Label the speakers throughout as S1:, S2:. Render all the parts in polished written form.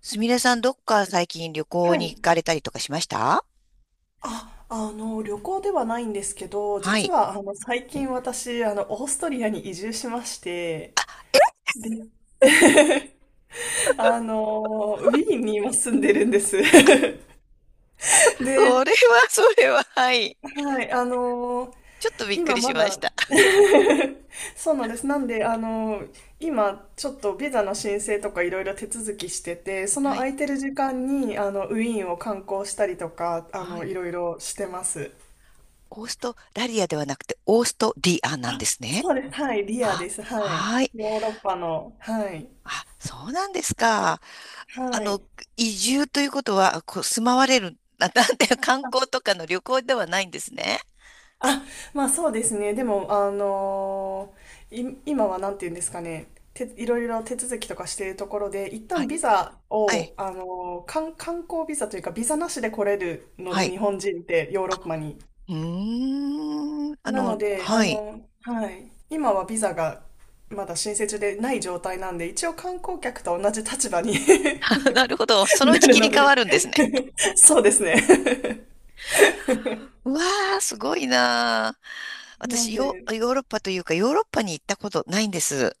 S1: すみれさん、どっか最近旅
S2: は
S1: 行
S2: い。
S1: に行かれたりとかしました？
S2: あ、旅行ではないんですけど、
S1: は
S2: 実
S1: い。
S2: は、最近私、オーストリアに移住しまして、で、ウィーンに今住んでるんです。で、
S1: それは、それは、はい。
S2: はい、
S1: ちょっとびっく
S2: 今
S1: りし
S2: ま
S1: ま
S2: だ、
S1: した。
S2: そうなんです。なんで、今、ちょっとビザの申請とかいろいろ手続きしてて、その
S1: はい。
S2: 空いてる時間に、ウィーンを観光したりとか、
S1: はい。
S2: いろいろしてます。
S1: オーストラリアではなくて、オーストリアなんですね。
S2: そうです。はい。リア
S1: あ、
S2: です。はい。
S1: はい。
S2: ヨーロッパの。はい。
S1: あ、そうなんですか。あ
S2: はい。
S1: の、移住ということは、住まわれる、なんて、観光とかの旅行ではないんですね。
S2: あ、まあそうですね。でも、あのーい、今はなんて言うんですかね。て、いろいろ手続きとかしているところで、一
S1: は
S2: 旦
S1: い。
S2: ビザ
S1: はい。
S2: を、観光ビザというか、ビザなしで来れるの
S1: は
S2: で、
S1: い。
S2: 日本人ってヨーロッパに。
S1: うーん。
S2: なので、
S1: はい。
S2: はい。今はビザがまだ申請中でない状態なんで、一応観光客と同じ立場に
S1: なるほど。そのう
S2: な
S1: ち
S2: る
S1: 切り
S2: の
S1: 替
S2: で
S1: わるんですね。
S2: そうですね。
S1: うわー、すごいなー。
S2: なん
S1: 私、
S2: で、
S1: ヨーロッパというか、ヨーロッパに行ったことないんです。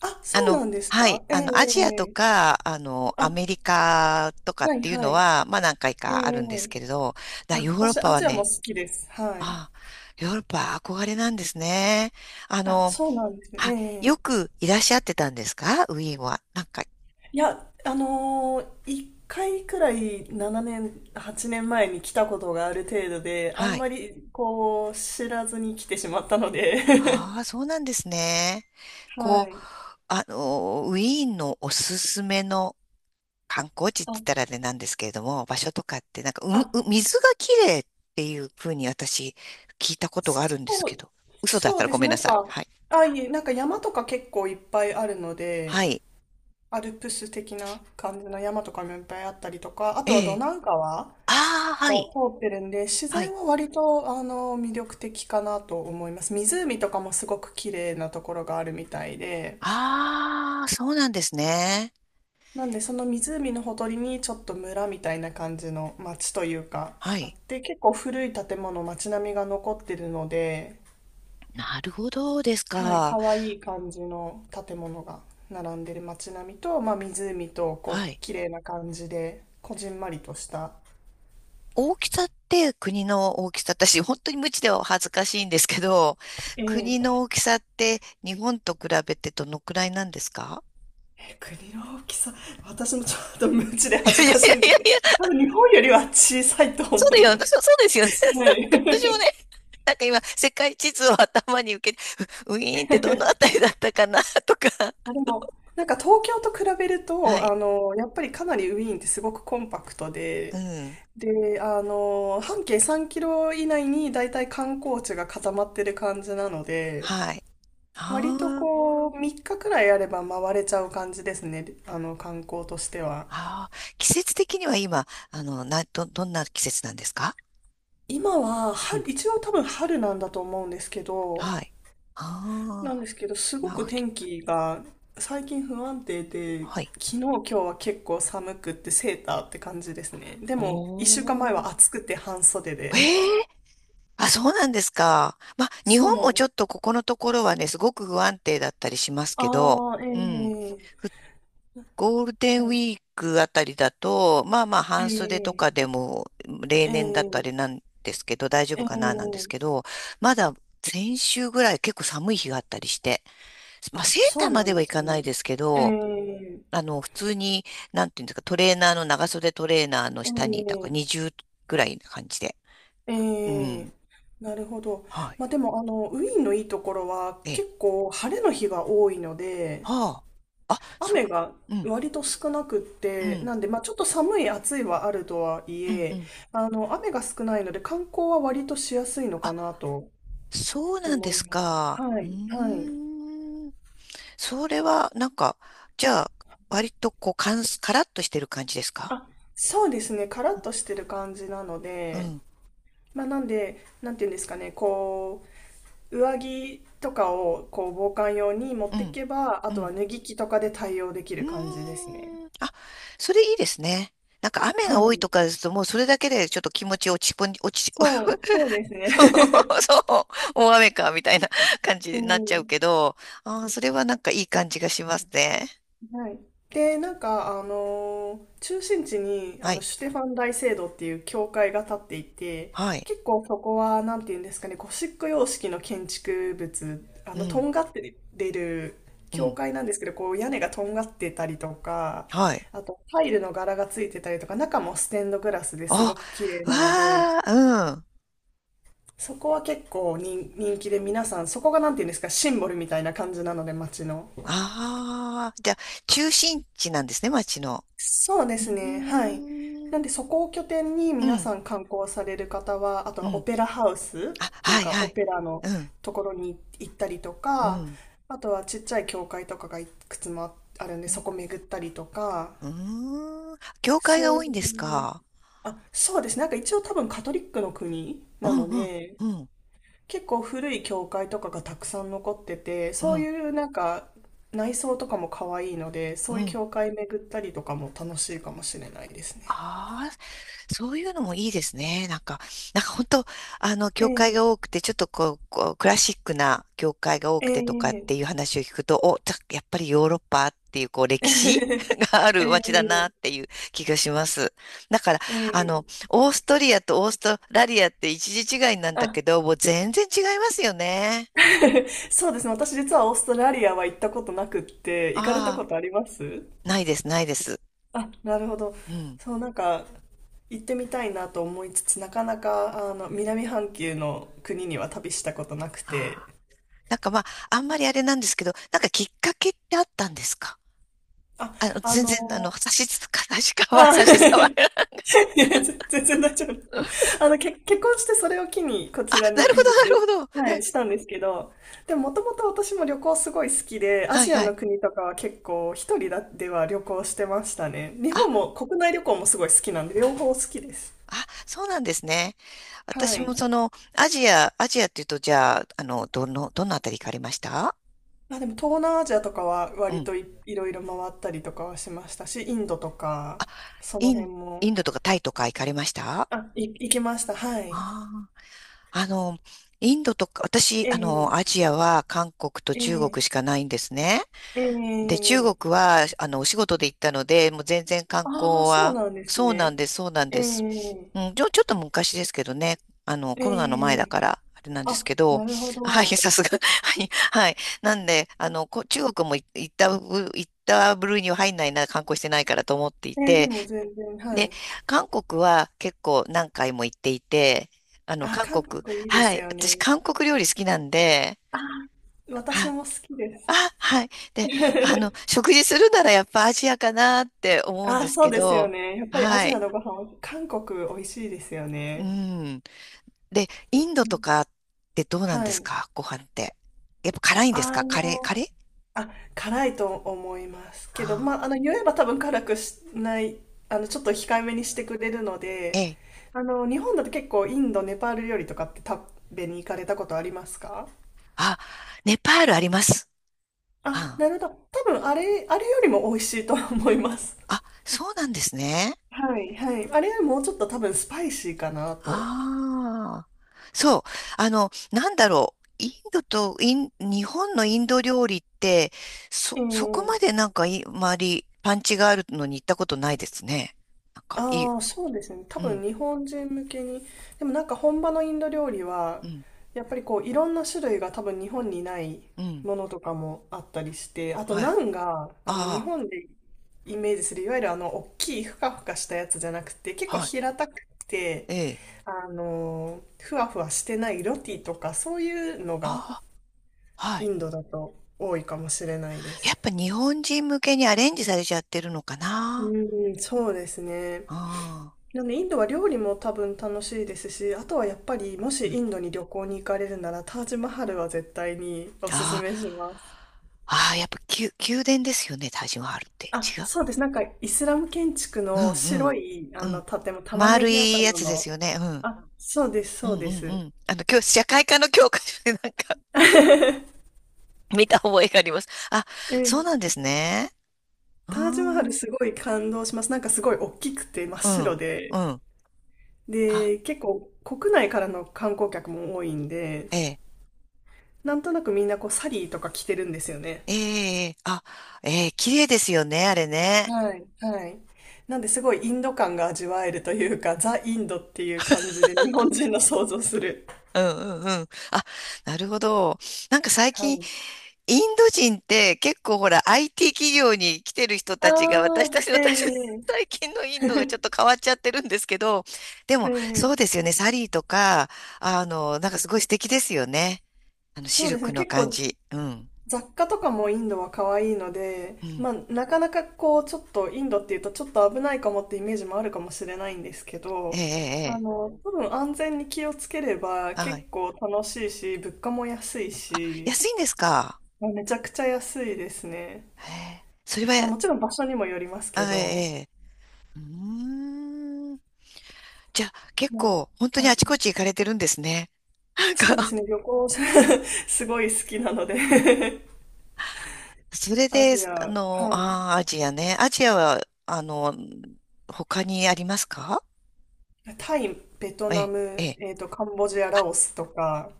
S2: あ、
S1: あ
S2: そう
S1: の、
S2: なんです
S1: はい、
S2: か、えええ
S1: アジ
S2: え
S1: アと
S2: ええ、
S1: か、ア
S2: あ、
S1: メリカとかっ
S2: はい
S1: ていう
S2: は
S1: の
S2: い。
S1: は、まあ何回
S2: ええ
S1: かあるんで
S2: え
S1: すけれど、だ
S2: え、あ、
S1: ヨーロッ
S2: 私
S1: パ
S2: ア
S1: は
S2: ジアも
S1: ね、
S2: 好きです。はい。
S1: ああ、ヨーロッパは憧れなんですね。あ
S2: あ、
S1: の、
S2: そうなんですね。
S1: は、
S2: ええ、
S1: よくいらっしゃってたんですかウィーンは？なんか、
S2: いや、一回くらい7年、8年前に来たことがある程度で、あん
S1: はい。
S2: まりこう、知らずに来てしまったので
S1: あ あ、そうなんですね。
S2: は
S1: こう、
S2: い。
S1: ウィーンのおすすめの観光地って言った
S2: あ、
S1: らあれなんですけれども、場所とかって、なんか、
S2: あ、
S1: う水がきれいっていうふうに私、聞いたことがあるんです
S2: そ
S1: け
S2: う、
S1: ど、嘘だっ
S2: そ
S1: た
S2: う
S1: ら
S2: で
S1: ご
S2: す。
S1: めん
S2: な
S1: な
S2: ん
S1: さい。
S2: か、
S1: はい。
S2: あ、いえ、なんか山とか結構いっぱいあるの
S1: は
S2: で、
S1: い。
S2: アルプス的な感じの山とかもいっぱいあったりとか、あとは
S1: え
S2: ド
S1: え。
S2: ナウ川
S1: ああ、は
S2: が
S1: い。
S2: 通ってるんで、自
S1: は
S2: 然
S1: い。
S2: は割と魅力的かなと思います。湖とかもすごく綺麗なところがあるみたいで、
S1: ああ、そうなんですね。
S2: なんでその湖のほとりにちょっと村みたいな感じの町というか
S1: は
S2: あっ
S1: い。
S2: て、結構古い建物、町並みが残ってるので、
S1: なるほどです
S2: はい、可
S1: か。
S2: 愛い感じの建物が並んでる街並みと、まあ、湖と
S1: は
S2: こう
S1: い。
S2: 綺麗な感じでこじんまりとした、
S1: 大きさって国の大きさ、私、本当に無知では恥ずかしいんですけど、
S2: え
S1: 国
S2: え、
S1: の大きさって日本と比べてどのくらいなんですか？
S2: 国の大きさ、私もちょっと無知で
S1: い
S2: 恥
S1: やい
S2: ず
S1: やいや
S2: かしいんですけ
S1: い
S2: ど、
S1: や
S2: 多分日本よりは小さいと
S1: そう
S2: 思
S1: だ
S2: い
S1: よ、
S2: ます。
S1: そうそうですよね。
S2: は
S1: なんか私も
S2: い。
S1: ね、なんか今、世界地図を頭に受け、ウィーンってどのあたりだったかな、とか。
S2: あ、でも、なんか東京と比べる
S1: は
S2: と、
S1: い。
S2: やっぱりかなりウィーンってすごくコンパクト
S1: う
S2: で、
S1: ん。
S2: で、半径3キロ以内に大体観光地が固まってる感じなので、
S1: はい。
S2: 割と
S1: あー
S2: こう、3日くらいあれば回れちゃう感じですね、観光としては。
S1: あー。季節的には今、どんな季節なんですか？
S2: 今は、
S1: うん。
S2: 春、一応多分春なんだと思うんですけど、
S1: はい。ああ。
S2: すご
S1: ま
S2: く
S1: あ、き
S2: 天気が最近不安定で、
S1: はい。
S2: 昨日今日は結構寒くってセーターって感じですね。で
S1: お
S2: も、一週間前は
S1: ー。
S2: 暑くて半袖で。
S1: ええあ、そうなんですか。まあ、日
S2: そう
S1: 本
S2: なん
S1: もち
S2: で
S1: ょっ
S2: す。
S1: とここのところはね、すごく不安定だったりしますけど、
S2: ああ、
S1: うん。
S2: ええ
S1: ゴールデンウィークあたりだと、まあまあ半袖と
S2: ええ
S1: かでも例
S2: ええ
S1: 年だとあれなんですけど、大丈
S2: え
S1: 夫
S2: え、
S1: かななんですけど、まだ先週ぐらい結構寒い日があったりして、まあ
S2: あ、
S1: セー
S2: そ
S1: ター
S2: う
S1: ま
S2: な
S1: で
S2: ん
S1: は
S2: で
S1: い
S2: す
S1: かない
S2: ね。
S1: ですけ
S2: え
S1: ど、
S2: え
S1: 普通に、なんていうんですか、トレーナーの、長袖トレーナーの
S2: え
S1: 下に、だから
S2: え
S1: 20ぐらいな感じで。う
S2: ええ、
S1: ん。
S2: なるほど。
S1: はい。
S2: まあ、でも、ウィーンのいいところは
S1: ええ。
S2: 結構晴れの日が多いので、
S1: はあ。あ、そう
S2: 雨が
S1: な、うん、
S2: 割と少なくっ
S1: う
S2: て、
S1: ん、
S2: なんで、まあ、ちょっと寒い、暑いはあるとはい
S1: うん、う
S2: え、
S1: ん。
S2: 雨が少ないので、観光は割としやすいのか
S1: あ、
S2: なと
S1: そうなんで
S2: 思い
S1: す
S2: ます。
S1: か。
S2: は
S1: う
S2: い、は
S1: ー
S2: い。
S1: ん。それは、なんか、じゃあ、割とカラッとしてる感じですか？
S2: あ、そうですね、カラッとしてる感じなの
S1: う
S2: で、
S1: ん、
S2: まあ、なんで、なんていうんですかね、こう、上着とかを、こう、防寒用に持っ
S1: う
S2: てい
S1: ん、
S2: けば、あ
S1: う
S2: とは
S1: ん。
S2: 脱ぎ着とかで対応でき
S1: う
S2: る感じ
S1: ー
S2: ですね。
S1: ん。あ、それいいですね。なんか雨
S2: は
S1: が多いと
S2: い。
S1: かですと、もうそれだけでちょっと気持ち落ち込ん、落ち、
S2: そ う、そうですね。
S1: そ う、大雨か、みたいな感じ
S2: え
S1: になっちゃうけ
S2: え、
S1: ど、あー、それはなんかいい感じがしますね。
S2: はい。で、なんか、中心地に、
S1: はい、
S2: シュテファン大聖堂っていう教会が立っていて、
S1: はい、
S2: 結構そこは、なんていうんですかね、ゴシック様式の建築物、
S1: う
S2: と
S1: ん、
S2: んがってる
S1: う
S2: 教
S1: ん、
S2: 会なんですけど、こう、屋根がとんがってたりとか、
S1: はい。
S2: あと、タイルの柄がついてたりとか、中もステンドグラスです
S1: あ、
S2: ごく綺麗なので、
S1: わあ、うん。
S2: そこは結構人気で皆さん、そこがなんていうんですか、シンボルみたいな感じなので、街の。
S1: ああ、じゃあ、中心地なんですね、町の。
S2: そうで
S1: う
S2: すね。はい。
S1: ーん。
S2: なんで、そこを拠点に
S1: う
S2: 皆
S1: ん。
S2: さん観光される方は、あと
S1: う
S2: はオ
S1: ん。
S2: ペラハウス
S1: あ、
S2: という
S1: はい
S2: か、
S1: は
S2: オ
S1: い。
S2: ペラの
S1: うん。
S2: ところに行ったりと
S1: う
S2: か、
S1: ん。
S2: あとはちっちゃい教会とかがいくつもあるんで、
S1: う
S2: そ
S1: ん。
S2: こ巡ったりとか、
S1: うーん。教会
S2: そ
S1: が
S2: う
S1: 多
S2: い
S1: いん
S2: う
S1: で
S2: 感
S1: す
S2: じ。
S1: か？
S2: あ、そうですね。なんか一応多分カトリックの国
S1: う
S2: な
S1: ん
S2: の
S1: うん。
S2: で、
S1: うん。
S2: 結構古い教会とかがたくさん残ってて、
S1: う
S2: そう
S1: ん。
S2: いうなんか内装とかも可愛いので、
S1: う
S2: そういう
S1: ん。
S2: 教会巡ったりとかも楽しいかもしれないですね。
S1: ああ、そういうのもいいですね。なんか、なんか本当、あの、
S2: え
S1: 教会
S2: え、
S1: が多くて、ちょっとこう、こうクラシックな教会が多
S2: え
S1: くてとかっ
S2: え、
S1: ていう話を聞くと、やっぱりヨーロッパっていう、こう、
S2: え
S1: 歴史 があ
S2: え、え
S1: る街だな
S2: え、
S1: っていう気がします。だから、
S2: ええ、
S1: オーストリアとオーストラリアって一時違いなんだ
S2: あ、
S1: けど、もう全然違いますよね。
S2: そうですね。私実はオーストラリアは行ったことなくって、行かれたこ
S1: ああ、
S2: とあります
S1: ないです、ないです。
S2: あ、なるほど。
S1: うん。
S2: そう、なんか、行ってみたいなと思いつつ、なかなか、南半球の国には旅したことなく
S1: あ
S2: て、
S1: あ。なんかまあ、あんまりあれなんですけど、なんかきっかけってあったんですか？
S2: あ、
S1: あの、
S2: あ
S1: 全
S2: の、
S1: 然、あの、差し支え、差しかわ、
S2: あ、
S1: 差し障らない。
S2: いや、全然大丈夫。結婚してそれを機にこ
S1: あ、
S2: ちら
S1: なる
S2: に
S1: ほ
S2: 移住、
S1: ど、なるほど。
S2: は
S1: うん
S2: い、したんですけど、でももともと私も旅行すごい好きで、ア
S1: はい
S2: ジア
S1: はい。
S2: の国とかは結構一人だでは旅行してましたね。日
S1: あ、
S2: 本も国内旅行もすごい好きなんで、両方好きです。
S1: あ、そうなんですね。
S2: は
S1: 私
S2: い。
S1: もその、アジア、アジアっていうと、じゃあ、どのあたり行かれました？
S2: あ、でも東南アジアとかは
S1: う
S2: 割
S1: ん。
S2: といろいろ回ったりとかはしましたし、インドとか、その
S1: イ
S2: 辺
S1: ン、イ
S2: も、
S1: ンドとかタイとか行かれましたあ？
S2: あ、行きました。はい。
S1: あー、インドとか、私、
S2: ええ
S1: アジアは韓国と
S2: え
S1: 中国
S2: え
S1: しかないんですね。
S2: え
S1: で、中
S2: え、
S1: 国は、お仕事で行ったので、もう全然観
S2: ああ、
S1: 光
S2: そう
S1: は、
S2: なんです
S1: そうな
S2: ね。
S1: んです、そうなん
S2: え
S1: です。
S2: え
S1: うん、ちょっと昔ですけどね、コロナの前だ
S2: ええ、
S1: から、あれなんです
S2: あ、
S1: けど、
S2: なるほ
S1: はい、
S2: ど。
S1: さすが、はい、はい。なんで、中国もい行った部類には入んないな、観光してないからと思ってい
S2: ええ、で
S1: て、
S2: も全然、は
S1: で、
S2: い。
S1: 韓国は結構何回も行っていて、あの、
S2: あ、
S1: 韓
S2: 韓
S1: 国、
S2: 国いいで
S1: は
S2: す
S1: い、
S2: よ
S1: 私、
S2: ね。
S1: 韓国料理好きなんで、
S2: あー、私も好きです。
S1: あ、はい。で、食事するならやっぱアジアかなって思うんで
S2: あ、
S1: す
S2: そう
S1: け
S2: ですよ
S1: ど、
S2: ね。やっぱりア
S1: は
S2: ジア
S1: い。
S2: のご飯は、韓国美味しいですよ
S1: う
S2: ね。
S1: ん。で、インドとかってどうなん
S2: は
S1: です
S2: い。
S1: かご飯って？やっぱ辛いんです
S2: あ
S1: かカレー、カ
S2: の、
S1: レー？
S2: あ、辛いと思いますけど、
S1: ああ、
S2: まあ、言えば多分辛くしない、ちょっと控えめにしてくれるの
S1: え
S2: で、
S1: え。
S2: 日本だと結構インド、ネパール料理とかって食べに行かれたことありますか？
S1: あ、ネパールあります。
S2: あ、
S1: あ
S2: なるほど。多分あれよりも美味しいと思います。
S1: あ、あそうなんですね。
S2: はい、はい。あれよりもうちょっと多分スパイシーかなと。
S1: ああ、そう。なんだろう。インドとイン、日本のインド料理って、
S2: ええ、
S1: そこまでなんかい、周り、パンチがあるのに行ったことないですね。なんか、いい、
S2: ああ、そうですね。多
S1: う
S2: 分
S1: ん、
S2: 日本人向けに。でもなんか本場のインド料理は、
S1: うん、
S2: やっぱりこういろんな種類が多分日本にない
S1: うん、
S2: ものとかもあったりして、あと
S1: は
S2: ナ
S1: い。
S2: ンが、日
S1: あ
S2: 本でイメージする、いわゆる大きいふかふかしたやつじゃなくて、結
S1: あ、
S2: 構
S1: はい。
S2: 平たくて、
S1: ええ。
S2: ふわふわしてないロティとかそういうのが
S1: ああ、は
S2: イ
S1: い。
S2: ンドだと多いかもしれないで
S1: やっ
S2: す。
S1: ぱ日本人向けにアレンジされちゃってるのかな。
S2: うん、そうですね。
S1: ああ、
S2: でもね、インドは料理も多分楽しいですし、あとはやっぱりもし
S1: うん。
S2: インドに旅行に行かれるならタージマハルは絶対におすす
S1: あ
S2: めします。
S1: あ、ああ、やっぱ宮殿ですよね、タージマハルって。
S2: あ、そうです。なんかイスラム建築
S1: う
S2: の
S1: んう
S2: 白
S1: ん。
S2: い
S1: う
S2: あの
S1: ん。
S2: 建物、玉ね
S1: 丸
S2: ぎ
S1: いや
S2: 頭
S1: つで
S2: の。
S1: すよね。うん。
S2: あ、そうです、
S1: う
S2: そう
S1: んう
S2: で
S1: ん
S2: す。
S1: うん。今日、社会科の教科書でなんか 見た覚えがあります。あ、
S2: え
S1: そう
S2: え。
S1: なんですね。うー
S2: タージマハル
S1: ん。
S2: すごい感動します。なんかすごい大きくて真っ
S1: うん。
S2: 白
S1: う
S2: で。
S1: ん。あ、
S2: で、結構国内からの観光客も多いんで、
S1: ええ。
S2: なんとなくみんなこうサリーとか着てるんですよね。
S1: ええ。あ、ええ、綺麗ですよね、あれね。
S2: はい、はい。なんで、すごいインド感が味わえるというか、ザ・インドっていう感じで日本人の想像する。
S1: うんうんうん。あ、なるほど。なんか最
S2: は
S1: 近、
S2: い。
S1: インド人って結構ほら IT 企業に来てる人たちが私たち、
S2: ああ、
S1: 私、
S2: ええ
S1: 最近のインドがちょっと変わっちゃってるんですけど、で
S2: え
S1: も
S2: え、
S1: そうですよね、サリーとか、なんかすごい素敵ですよね。
S2: そ
S1: シ
S2: う
S1: ル
S2: ですね。
S1: クの
S2: 結
S1: 感
S2: 構
S1: じ。うん。
S2: 雑貨とかもインドは可愛いの
S1: う
S2: で、
S1: ん。
S2: まあ、なかなかこう、ちょっとインドっていうとちょっと危ないかもってイメージもあるかもしれないんですけ
S1: ええ、
S2: ど、
S1: ええ、ええ
S2: 多分安全に気をつければ
S1: は
S2: 結
S1: い。
S2: 構楽しいし、物価も安いし、
S1: 安いんですか？
S2: まあめちゃくちゃ安いですね。
S1: へえそれ
S2: まあ、
S1: は、
S2: もちろん場所にもよりますけ
S1: あええ、
S2: ど、
S1: ええうーん。じゃあ結
S2: も
S1: 構本当
S2: う、
S1: に
S2: はい。
S1: あちこち行かれてるんですね。なん
S2: そうで
S1: か
S2: すね、旅行 すごい好きなので
S1: それ
S2: ア
S1: で、
S2: ジア、はい。
S1: ああ、アジアね。アジアは、あの、他にありますか？
S2: タイ、ベト
S1: え
S2: ナ
S1: え、え
S2: ム、
S1: え、
S2: カンボジア、ラオスとか、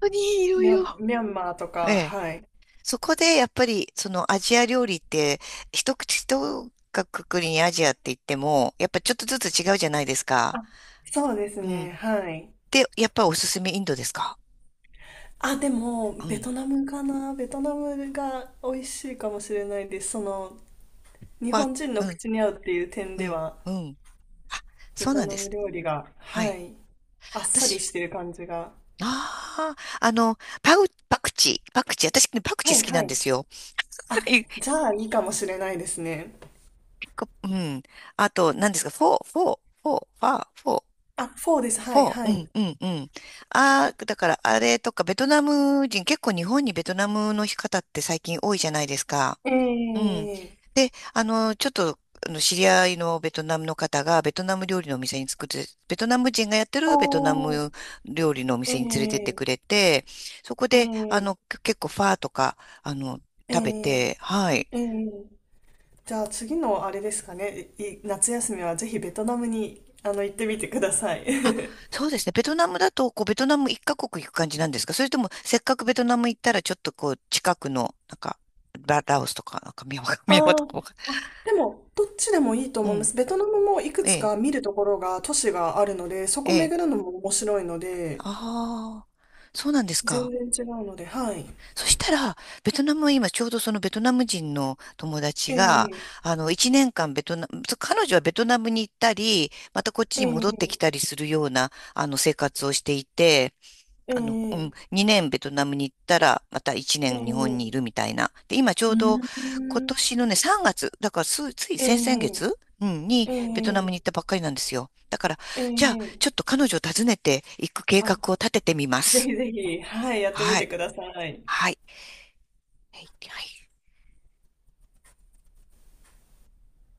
S1: 本当にいろ
S2: ミ
S1: い
S2: ャ
S1: ろ。
S2: ン、ミャンマーと
S1: え
S2: か、
S1: え。
S2: はい。
S1: そこで、やっぱり、そのアジア料理って、一括りにアジアって言っても、やっぱちょっとずつ違うじゃないですか。
S2: あ、そうです
S1: う
S2: ね、
S1: ん。
S2: はい。
S1: で、やっぱおすすめインドですか？
S2: あ、でも、
S1: う
S2: ベ
S1: ん。
S2: トナムかな。ベトナムが美味しいかもしれないです。その、日
S1: は
S2: 本人
S1: う
S2: の
S1: ん、
S2: 口に合うっていう点
S1: う
S2: で
S1: ん、
S2: は、
S1: うん。あ、
S2: ベ
S1: そう
S2: ト
S1: なん
S2: ナ
S1: で
S2: ム
S1: す。
S2: 料理が、
S1: は
S2: は
S1: い。
S2: い。あっさり
S1: 私、
S2: してる感じが。
S1: ああ、パクチー、私ね、パク
S2: は
S1: チー
S2: い、
S1: 好き
S2: は
S1: なん
S2: い。
S1: ですよ。
S2: あ、じゃあいいかもしれないですね。
S1: うん。あと、何ですか、フォー、フォー、フォー、ファー、フォー、
S2: あ、4です。
S1: フ
S2: はい、
S1: ォー、
S2: は
S1: う
S2: い。
S1: ん、うん、うん。ああ、だから、あれとか、ベトナム人、結構日本にベトナムの方って最近多いじゃないですか。
S2: え
S1: うん。
S2: え、
S1: で、あの、ちょっと、あの、知り合いのベトナムの方が、ベトナム料理のお店に作って、ベトナム人がやって
S2: お
S1: るベトナ
S2: ー、
S1: ム料理のお
S2: え
S1: 店に連れてってくれ
S2: え
S1: て、そこ
S2: え
S1: で、
S2: え
S1: 結構ファーとか、あの、
S2: え
S1: 食べ
S2: え
S1: て、はい。
S2: ええ、じゃあ次のあれですかね。いい夏休みはぜひベトナムに、行ってみてください。
S1: あ、そうですね。ベトナムだと、こう、ベトナム一カ国行く感じなんですか？それとも、せっかくベトナム行ったら、ちょっとこう、近くの、なんか、ラオスとか、なんか、ミャンマー、ミャンマー
S2: あ
S1: と
S2: ー、
S1: かわかん、
S2: あ、でも、どっちでもいいと
S1: う
S2: 思いま
S1: ん。
S2: す。ベトナムもいく
S1: え
S2: つ
S1: え、
S2: か見るところが、都市があるので、そ
S1: え
S2: こ
S1: え。
S2: 巡るのも面白いので、
S1: ああ、そうなんです
S2: 全
S1: か。
S2: 然違うので、はい。
S1: そしたら、ベトナムは今、ちょうどそのベトナム人の友達
S2: え
S1: が、
S2: え
S1: 一年間ベトナム、そう彼女はベトナムに行ったり、またこっち
S2: え
S1: に戻ってき
S2: え
S1: たりするような、生活をしていて、う
S2: え
S1: ん、
S2: え
S1: 2年ベトナムに行ったら、また1
S2: え
S1: 年日本にい
S2: え、
S1: るみたいな。で、今ちょ
S2: う
S1: う
S2: ー
S1: ど今
S2: ん。
S1: 年のね、3月、だからすつい先々
S2: え
S1: 月、うん、に
S2: え
S1: ベトナム
S2: ええ
S1: に行ったばっかりなんですよ。だから、
S2: え
S1: じゃあ、
S2: え、
S1: ちょっと彼女を訪ねていく計
S2: あ、
S1: 画を立ててみま
S2: ぜ
S1: す。
S2: ひぜひ、はい、やってみ
S1: は
S2: て
S1: い。
S2: ください。
S1: はい。はい。はい。